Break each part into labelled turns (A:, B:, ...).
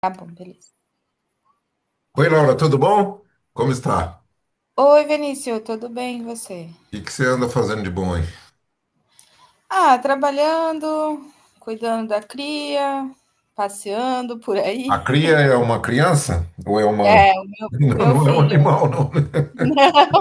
A: Tá bom, beleza.
B: Oi, Laura, tudo bom? Como está? O
A: Oi, Vinícius, tudo bem e você?
B: que que você anda fazendo de bom aí?
A: Ah, trabalhando, cuidando da cria, passeando por
B: A
A: aí.
B: cria é uma criança? Ou é uma...
A: É,
B: Não,
A: meu
B: não é um
A: filho.
B: animal, não.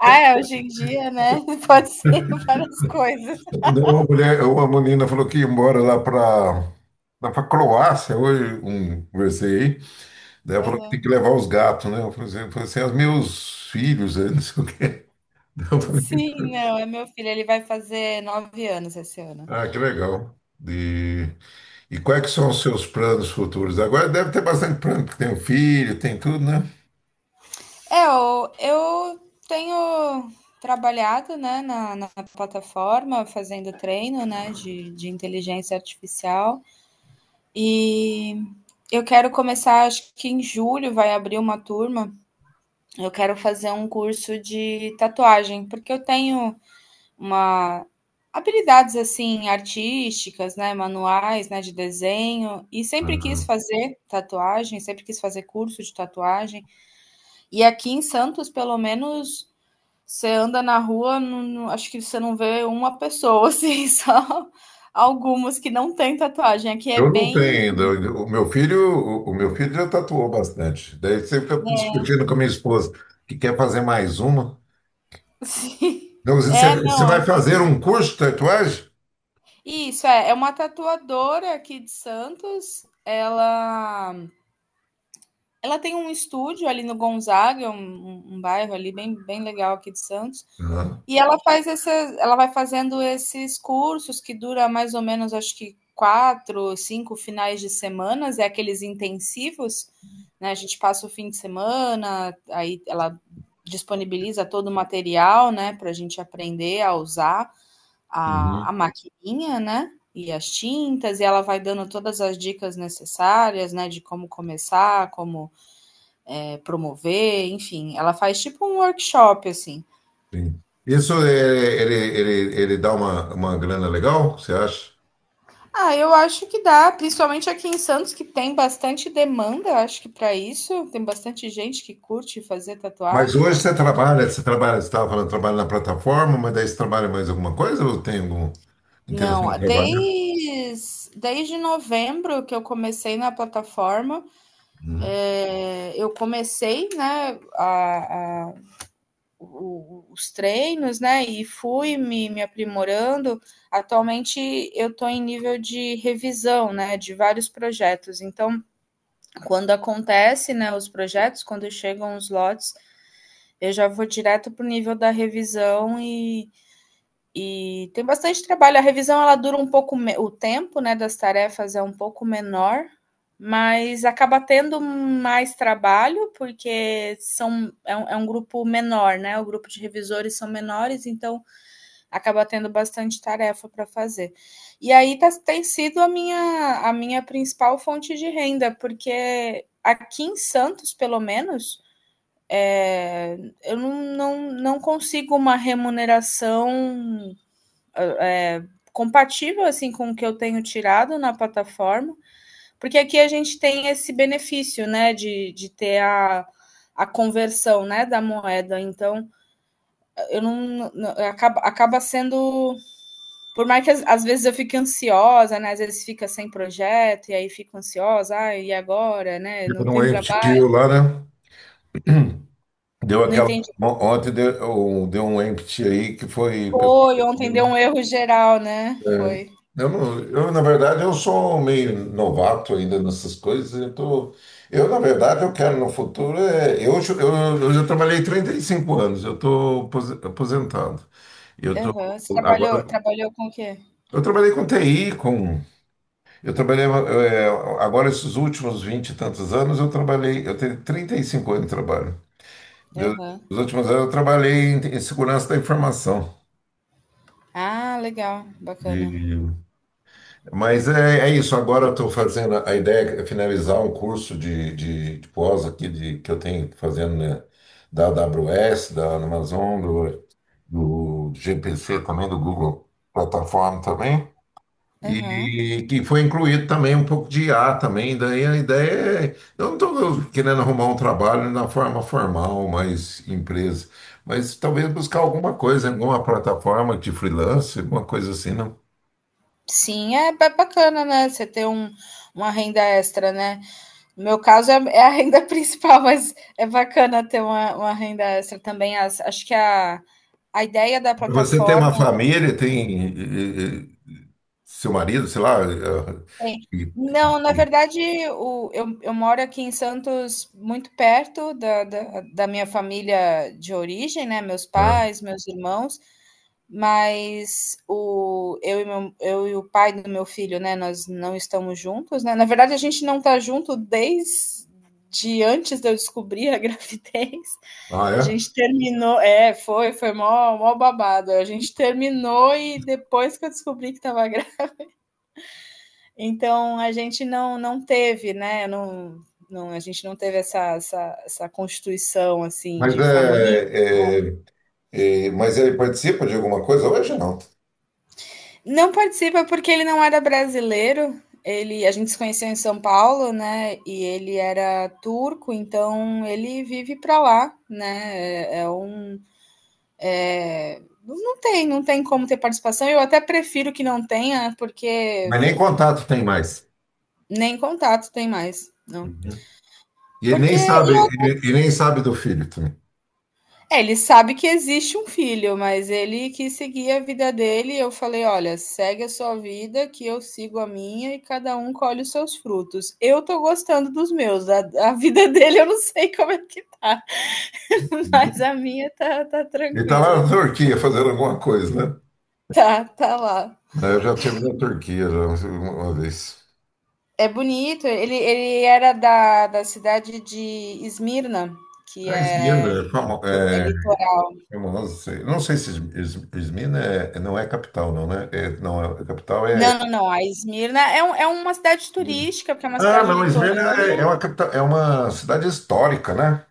A: Ah, é, hoje em dia, né, pode ser várias coisas.
B: Daí uma mulher, é uma menina falou que ia embora lá para lá para Croácia, hoje um, conversei aí. Daí ela falou que tem
A: Aham.
B: que levar os gatos, né? Eu falei assim, "Ah, os meus filhos, aí, não sei o quê." Daí eu falei,
A: Sim, não, é meu filho, ele vai fazer 9 anos esse ano.
B: ah, que legal. E, e quais que são os seus planos futuros? Agora deve ter bastante plano, porque tem um filho, tem tudo, né?
A: Eu tenho trabalhado, né, na plataforma, fazendo treino, né, de inteligência artificial. E eu quero começar, acho que em julho vai abrir uma turma. Eu quero fazer um curso de tatuagem, porque eu tenho uma habilidades assim artísticas, né, manuais, né, de desenho e sempre quis fazer tatuagem, sempre quis fazer curso de tatuagem. E aqui em Santos, pelo menos, você anda na rua, acho que você não vê uma pessoa assim, só algumas que não têm tatuagem. Aqui é
B: Eu não
A: bem
B: tenho ainda. O meu filho, o meu filho já tatuou bastante. Daí você fica discutindo com a minha esposa que quer fazer mais uma.
A: Sim.
B: Então, você,
A: É,
B: você
A: não. é-
B: vai fazer um curso de tatuagem?
A: Isso é uma tatuadora aqui de Santos. Ela tem um estúdio ali no Gonzaga, um, um bairro ali bem, bem legal aqui de Santos.
B: Não.
A: E ela faz essas, ela vai fazendo esses cursos que dura mais ou menos, acho que quatro, cinco finais de semanas, é aqueles intensivos, né? A gente passa o fim de semana, aí ela disponibiliza todo o material, né, para a gente aprender a usar. A
B: Uhum.
A: maquininha, né, e as tintas, e ela vai dando todas as dicas necessárias, né, de como começar, como, promover, enfim, ela faz tipo um workshop, assim.
B: Sim. Ele, ele, ele dá uma grana legal, você acha?
A: Ah, eu acho que dá, principalmente aqui em Santos, que tem bastante demanda, eu acho que para isso, tem bastante gente que curte fazer
B: Mas
A: tatuagem.
B: hoje você trabalha, você trabalha, você estava falando, trabalha na plataforma, mas daí você trabalha mais alguma coisa ou tem alguma intenção
A: Não,
B: de trabalhar?
A: desde novembro que eu comecei na plataforma,
B: Uhum.
A: eu comecei, né, os treinos, né? E fui me aprimorando. Atualmente eu estou em nível de revisão, né? De vários projetos. Então, quando acontece, né? Os projetos, quando chegam os lotes, eu já vou direto para o nível da revisão e tem bastante trabalho. A revisão ela dura um pouco o tempo, né, das tarefas é um pouco menor, mas acaba tendo mais trabalho porque são é um grupo menor, né? O grupo de revisores são menores, então acaba tendo bastante tarefa para fazer. E aí tá, tem sido a minha principal fonte de renda, porque aqui em Santos, pelo menos, é, eu não consigo uma remuneração compatível assim com o que eu tenho tirado na plataforma, porque aqui a gente tem esse benefício, né, de ter a conversão, né, da moeda. Então, eu não acaba sendo por mais que às vezes eu fique ansiosa, né? Às vezes fica sem projeto e aí fico ansiosa, ah, e agora, né?
B: Tipo,
A: Não
B: não
A: tem
B: é
A: trabalho,
B: lá, né? Deu
A: não
B: aquela...
A: entendi.
B: Ontem deu, deu um empty aí que foi.
A: Foi, ontem deu um erro geral, né?
B: É,
A: Foi.
B: eu, não- eu, na verdade, eu sou meio novato ainda nessas coisas. Na verdade, eu quero no futuro. É, eu já trabalhei 35 anos, eu estou aposentado. Eu tô,
A: Aham.
B: agora,
A: Trabalhou com o quê?
B: eu trabalhei com TI, com, eu trabalhei, é, agora esses últimos 20 e tantos anos, eu trabalhei, eu tenho 35 anos de trabalho. Eu-
A: Aham.
B: Nos últimos anos eu trabalhei em, em segurança da informação.
A: Ah, legal, bacana.
B: E- mas é, é isso. Agora eu estou fazendo. A ideia é finalizar um curso de pós aqui de, que eu tenho fazendo, né, da AWS, da Amazon, do, do GPC também, do Google Plataforma também.
A: Aham.
B: E que foi incluído também um pouco de I a também. Daí a ideia é, eu não estou querendo arrumar um trabalho na forma formal, mais empresa, mas talvez buscar alguma coisa, alguma plataforma de freelance, alguma coisa assim, não.
A: Sim, é bacana, né? Você ter um, uma renda extra, né? No meu caso é, é a renda principal, mas é bacana ter uma renda extra também. Acho que a ideia da
B: Você tem
A: plataforma.
B: uma família, tem eh, seu marido, sei lá,
A: Tem.
B: e-
A: Não, na
B: e-
A: verdade, eu moro aqui em Santos, muito perto da, da minha família de origem, né? Meus
B: né?
A: pais, meus irmãos, mas o, eu, e meu, eu e o pai do meu filho, né? Nós não estamos juntos, né? Na verdade, a gente não está junto desde antes de eu descobrir a gravidez.
B: Ah,
A: A
B: é?
A: gente terminou, é, foi mó babado. A gente terminou e depois que eu descobri que estava então a gente não teve, né? Não, a gente não teve essa, essa constituição assim
B: Mas
A: de família.
B: mas ele participa de alguma coisa hoje? Não.
A: Não participa porque ele não era brasileiro. Ele, a gente se conheceu em São Paulo, né? E ele era turco, então ele vive para lá, né? É não tem, não tem como ter participação. Eu até prefiro que não tenha, porque
B: Mas nem contato tem mais.
A: nem contato tem mais, não.
B: E ele nem
A: Porque
B: sabe,
A: e
B: ele nem sabe do filho também.
A: É, ele sabe que existe um filho, mas ele quis seguir a vida dele. E eu falei: olha, segue a sua vida, que eu sigo a minha e cada um colhe os seus frutos. Eu tô gostando dos meus, a vida dele eu não sei como é que tá, mas a minha tá
B: Ele está lá
A: tranquila.
B: na Turquia fazendo alguma coisa, né?
A: Tá, tá lá.
B: É, eu já tive na Turquia já uma vez.
A: É bonito, ele era da, da cidade de Esmirna, que
B: Izmir,
A: é,
B: é, famo-
A: é
B: é,
A: litoral.
B: famoso, sei. Não sei se Izmir não é capital, não, né? É, não, a capital é...
A: Não. A Esmirna é, é uma cidade turística, porque é uma
B: Ah,
A: cidade
B: não, Izmir é,
A: litorânea.
B: é uma capital, é uma cidade histórica, né?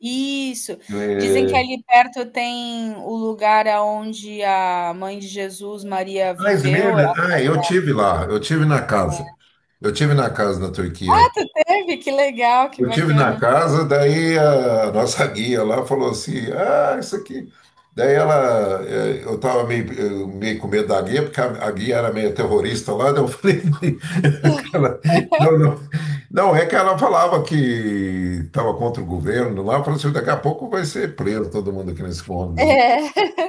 A: Isso. Dizem que
B: É,
A: ali perto tem o lugar aonde a mãe de Jesus, Maria,
B: ah, Izmir,
A: viveu.
B: ah, eu tive lá, eu tive na casa. Eu tive na casa na Turquia.
A: Teve? Que legal, que
B: Eu tive na
A: bacana.
B: casa, daí a nossa guia lá falou assim, ah, isso aqui. Daí ela, eu estava meio, eu meio com medo da guia, porque a guia era meio terrorista lá, daí eu falei, ela, não, não. Não, é que ela falava que estava contra o governo lá, falou assim, daqui a pouco vai ser preso todo mundo aqui nesse
A: É,
B: ônibus.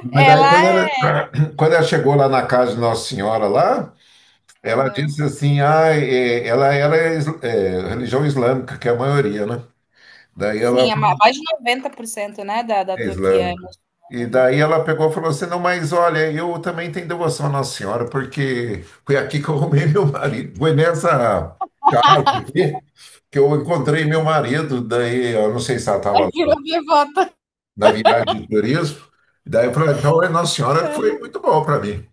B: Mas daí
A: ela
B: quando
A: é
B: ela, quando ela chegou lá na casa de Nossa Senhora lá, ela
A: Aham.
B: disse assim, ah, eh, ela era is- eh, religião islâmica, que é a maioria, né? Daí ela
A: Sim, é
B: falou
A: ma mais de 90%, né, da
B: é
A: Turquia é
B: islâmica. E
A: muçulmana ali.
B: daí ela pegou e falou assim: "Não, mas olha, eu também tenho devoção à Nossa Senhora, porque foi aqui que eu arrumei meu marido. Foi nessa casa aqui que eu encontrei meu marido." Daí eu não sei se ela
A: Aí
B: estava lá
A: virou devota.
B: na viagem de turismo. Daí eu falei: "Então, é, Nossa Senhora foi muito bom para mim.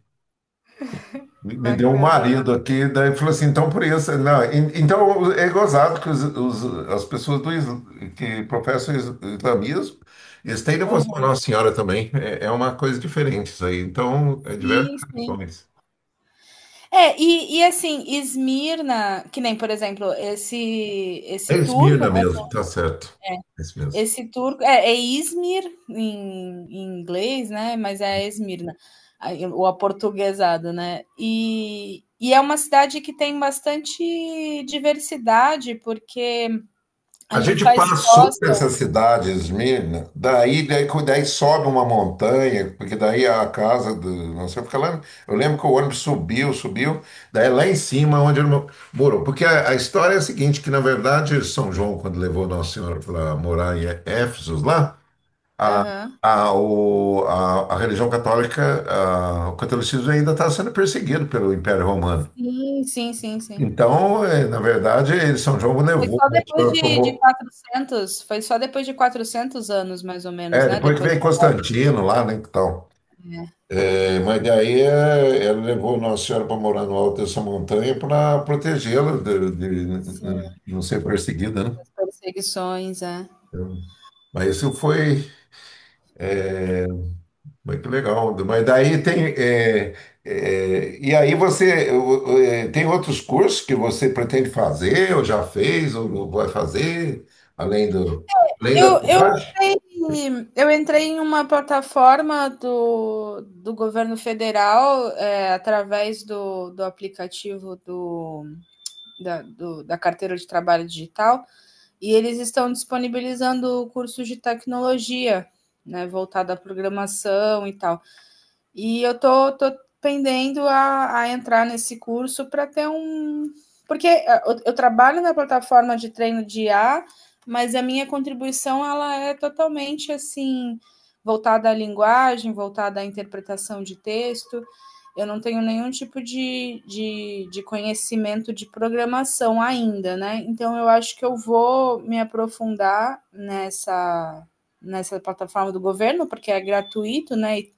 B: Me me deu um
A: Bacana, né?
B: marido aqui", daí falou assim, "então por isso". Não, então é gozado que as pessoas do, que professam islamismo, eles têm devoção à
A: Aham.
B: Nossa Senhora também, é, é uma coisa diferente isso aí, então é diversas
A: Sim, sim.
B: religiões.
A: É, e assim, Esmirna, que nem, por exemplo, esse
B: É
A: esse turco,
B: Esmirna
A: né.
B: mesmo, tá certo, é isso mesmo.
A: Esse turco é, é Izmir em, em inglês, né? Mas é Esmirna, o aportuguesado, né? E é uma cidade que tem bastante diversidade, porque
B: A
A: ali
B: gente
A: faz
B: passou por essa
A: costa.
B: cidade, Esmirna, daí sobe uma montanha, porque daí a casa do... Não sei, fica lá. Eu lembro que o ônibus subiu, subiu, daí lá em cima onde ele morou. Porque a história é a seguinte: que na verdade, São João, quando levou Nossa Senhora para morar em Éfeso, lá, a,
A: Aham.
B: a religião católica, o catolicismo ainda está sendo perseguido pelo Império Romano.
A: Sim.
B: Então, na verdade, São João levou...
A: Foi só depois de 400 anos, mais ou menos,
B: É,
A: né?
B: depois que
A: Depois,
B: veio Constantino lá, né, então...
A: é,
B: É, mas daí é, ela levou Nossa Senhora para morar no alto dessa montanha para protegê-la
A: sim,
B: de não ser perseguida, né?
A: as perseguições, é.
B: Então, mas isso foi é, muito legal. Mas daí tem e aí você tem outros cursos que você pretende fazer ou já fez ou vai fazer além do além da tatuagem?
A: Eu entrei em uma plataforma do, do governo federal, é, através do aplicativo da carteira de trabalho digital, e eles estão disponibilizando cursos de tecnologia, né, voltado à programação e tal. E eu tô pendendo a entrar nesse curso para ter um. Porque eu trabalho na plataforma de treino de I a, mas a minha contribuição ela é totalmente assim voltada à linguagem, voltada à interpretação de texto. Eu não tenho nenhum tipo de, conhecimento de programação ainda, né? Então eu acho que eu vou me aprofundar nessa, nessa plataforma do governo, porque é gratuito, né? E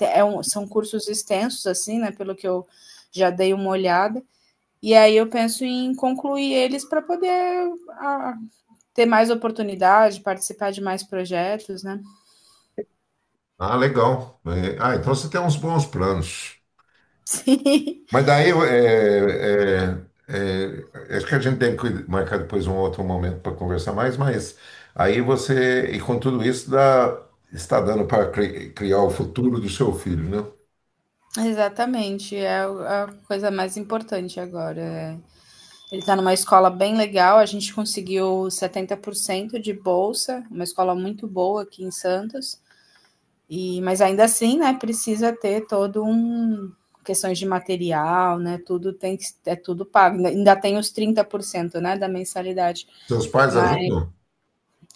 A: é um, são cursos extensos, assim, né? Pelo que eu já dei uma olhada. E aí eu penso em concluir eles para poder ah, ter mais oportunidade, participar de mais projetos, né?
B: Ah, legal. É, ah, então você tem uns bons planos.
A: Sim,
B: Mas daí acho que a gente tem que marcar depois um outro momento para conversar mais, mas aí você, e com tudo isso, dá, está dando para criar o futuro do seu filho, né?
A: exatamente. É a coisa mais importante agora. É. Ele está numa escola bem legal, a gente conseguiu 70% de bolsa, uma escola muito boa aqui em Santos. E, mas ainda assim, né, precisa ter todo um questões de material, né? Tudo tem que é tudo pago. Ainda tem os 30%, né, da mensalidade,
B: Seus pais
A: mas
B: ajudam?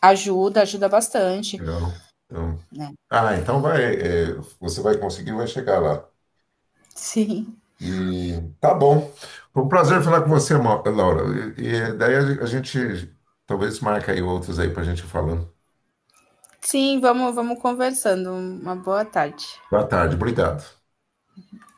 A: ajuda, ajuda bastante,
B: Legal. Então,
A: né?
B: ah, então vai, é, você vai conseguir, vai chegar lá.
A: Sim.
B: E tá bom. Foi um prazer falar com você, Laura. E, e daí a gente talvez marque aí outros aí para a gente ir falando.
A: Sim, vamos conversando. Uma boa tarde.
B: Boa tarde, obrigado.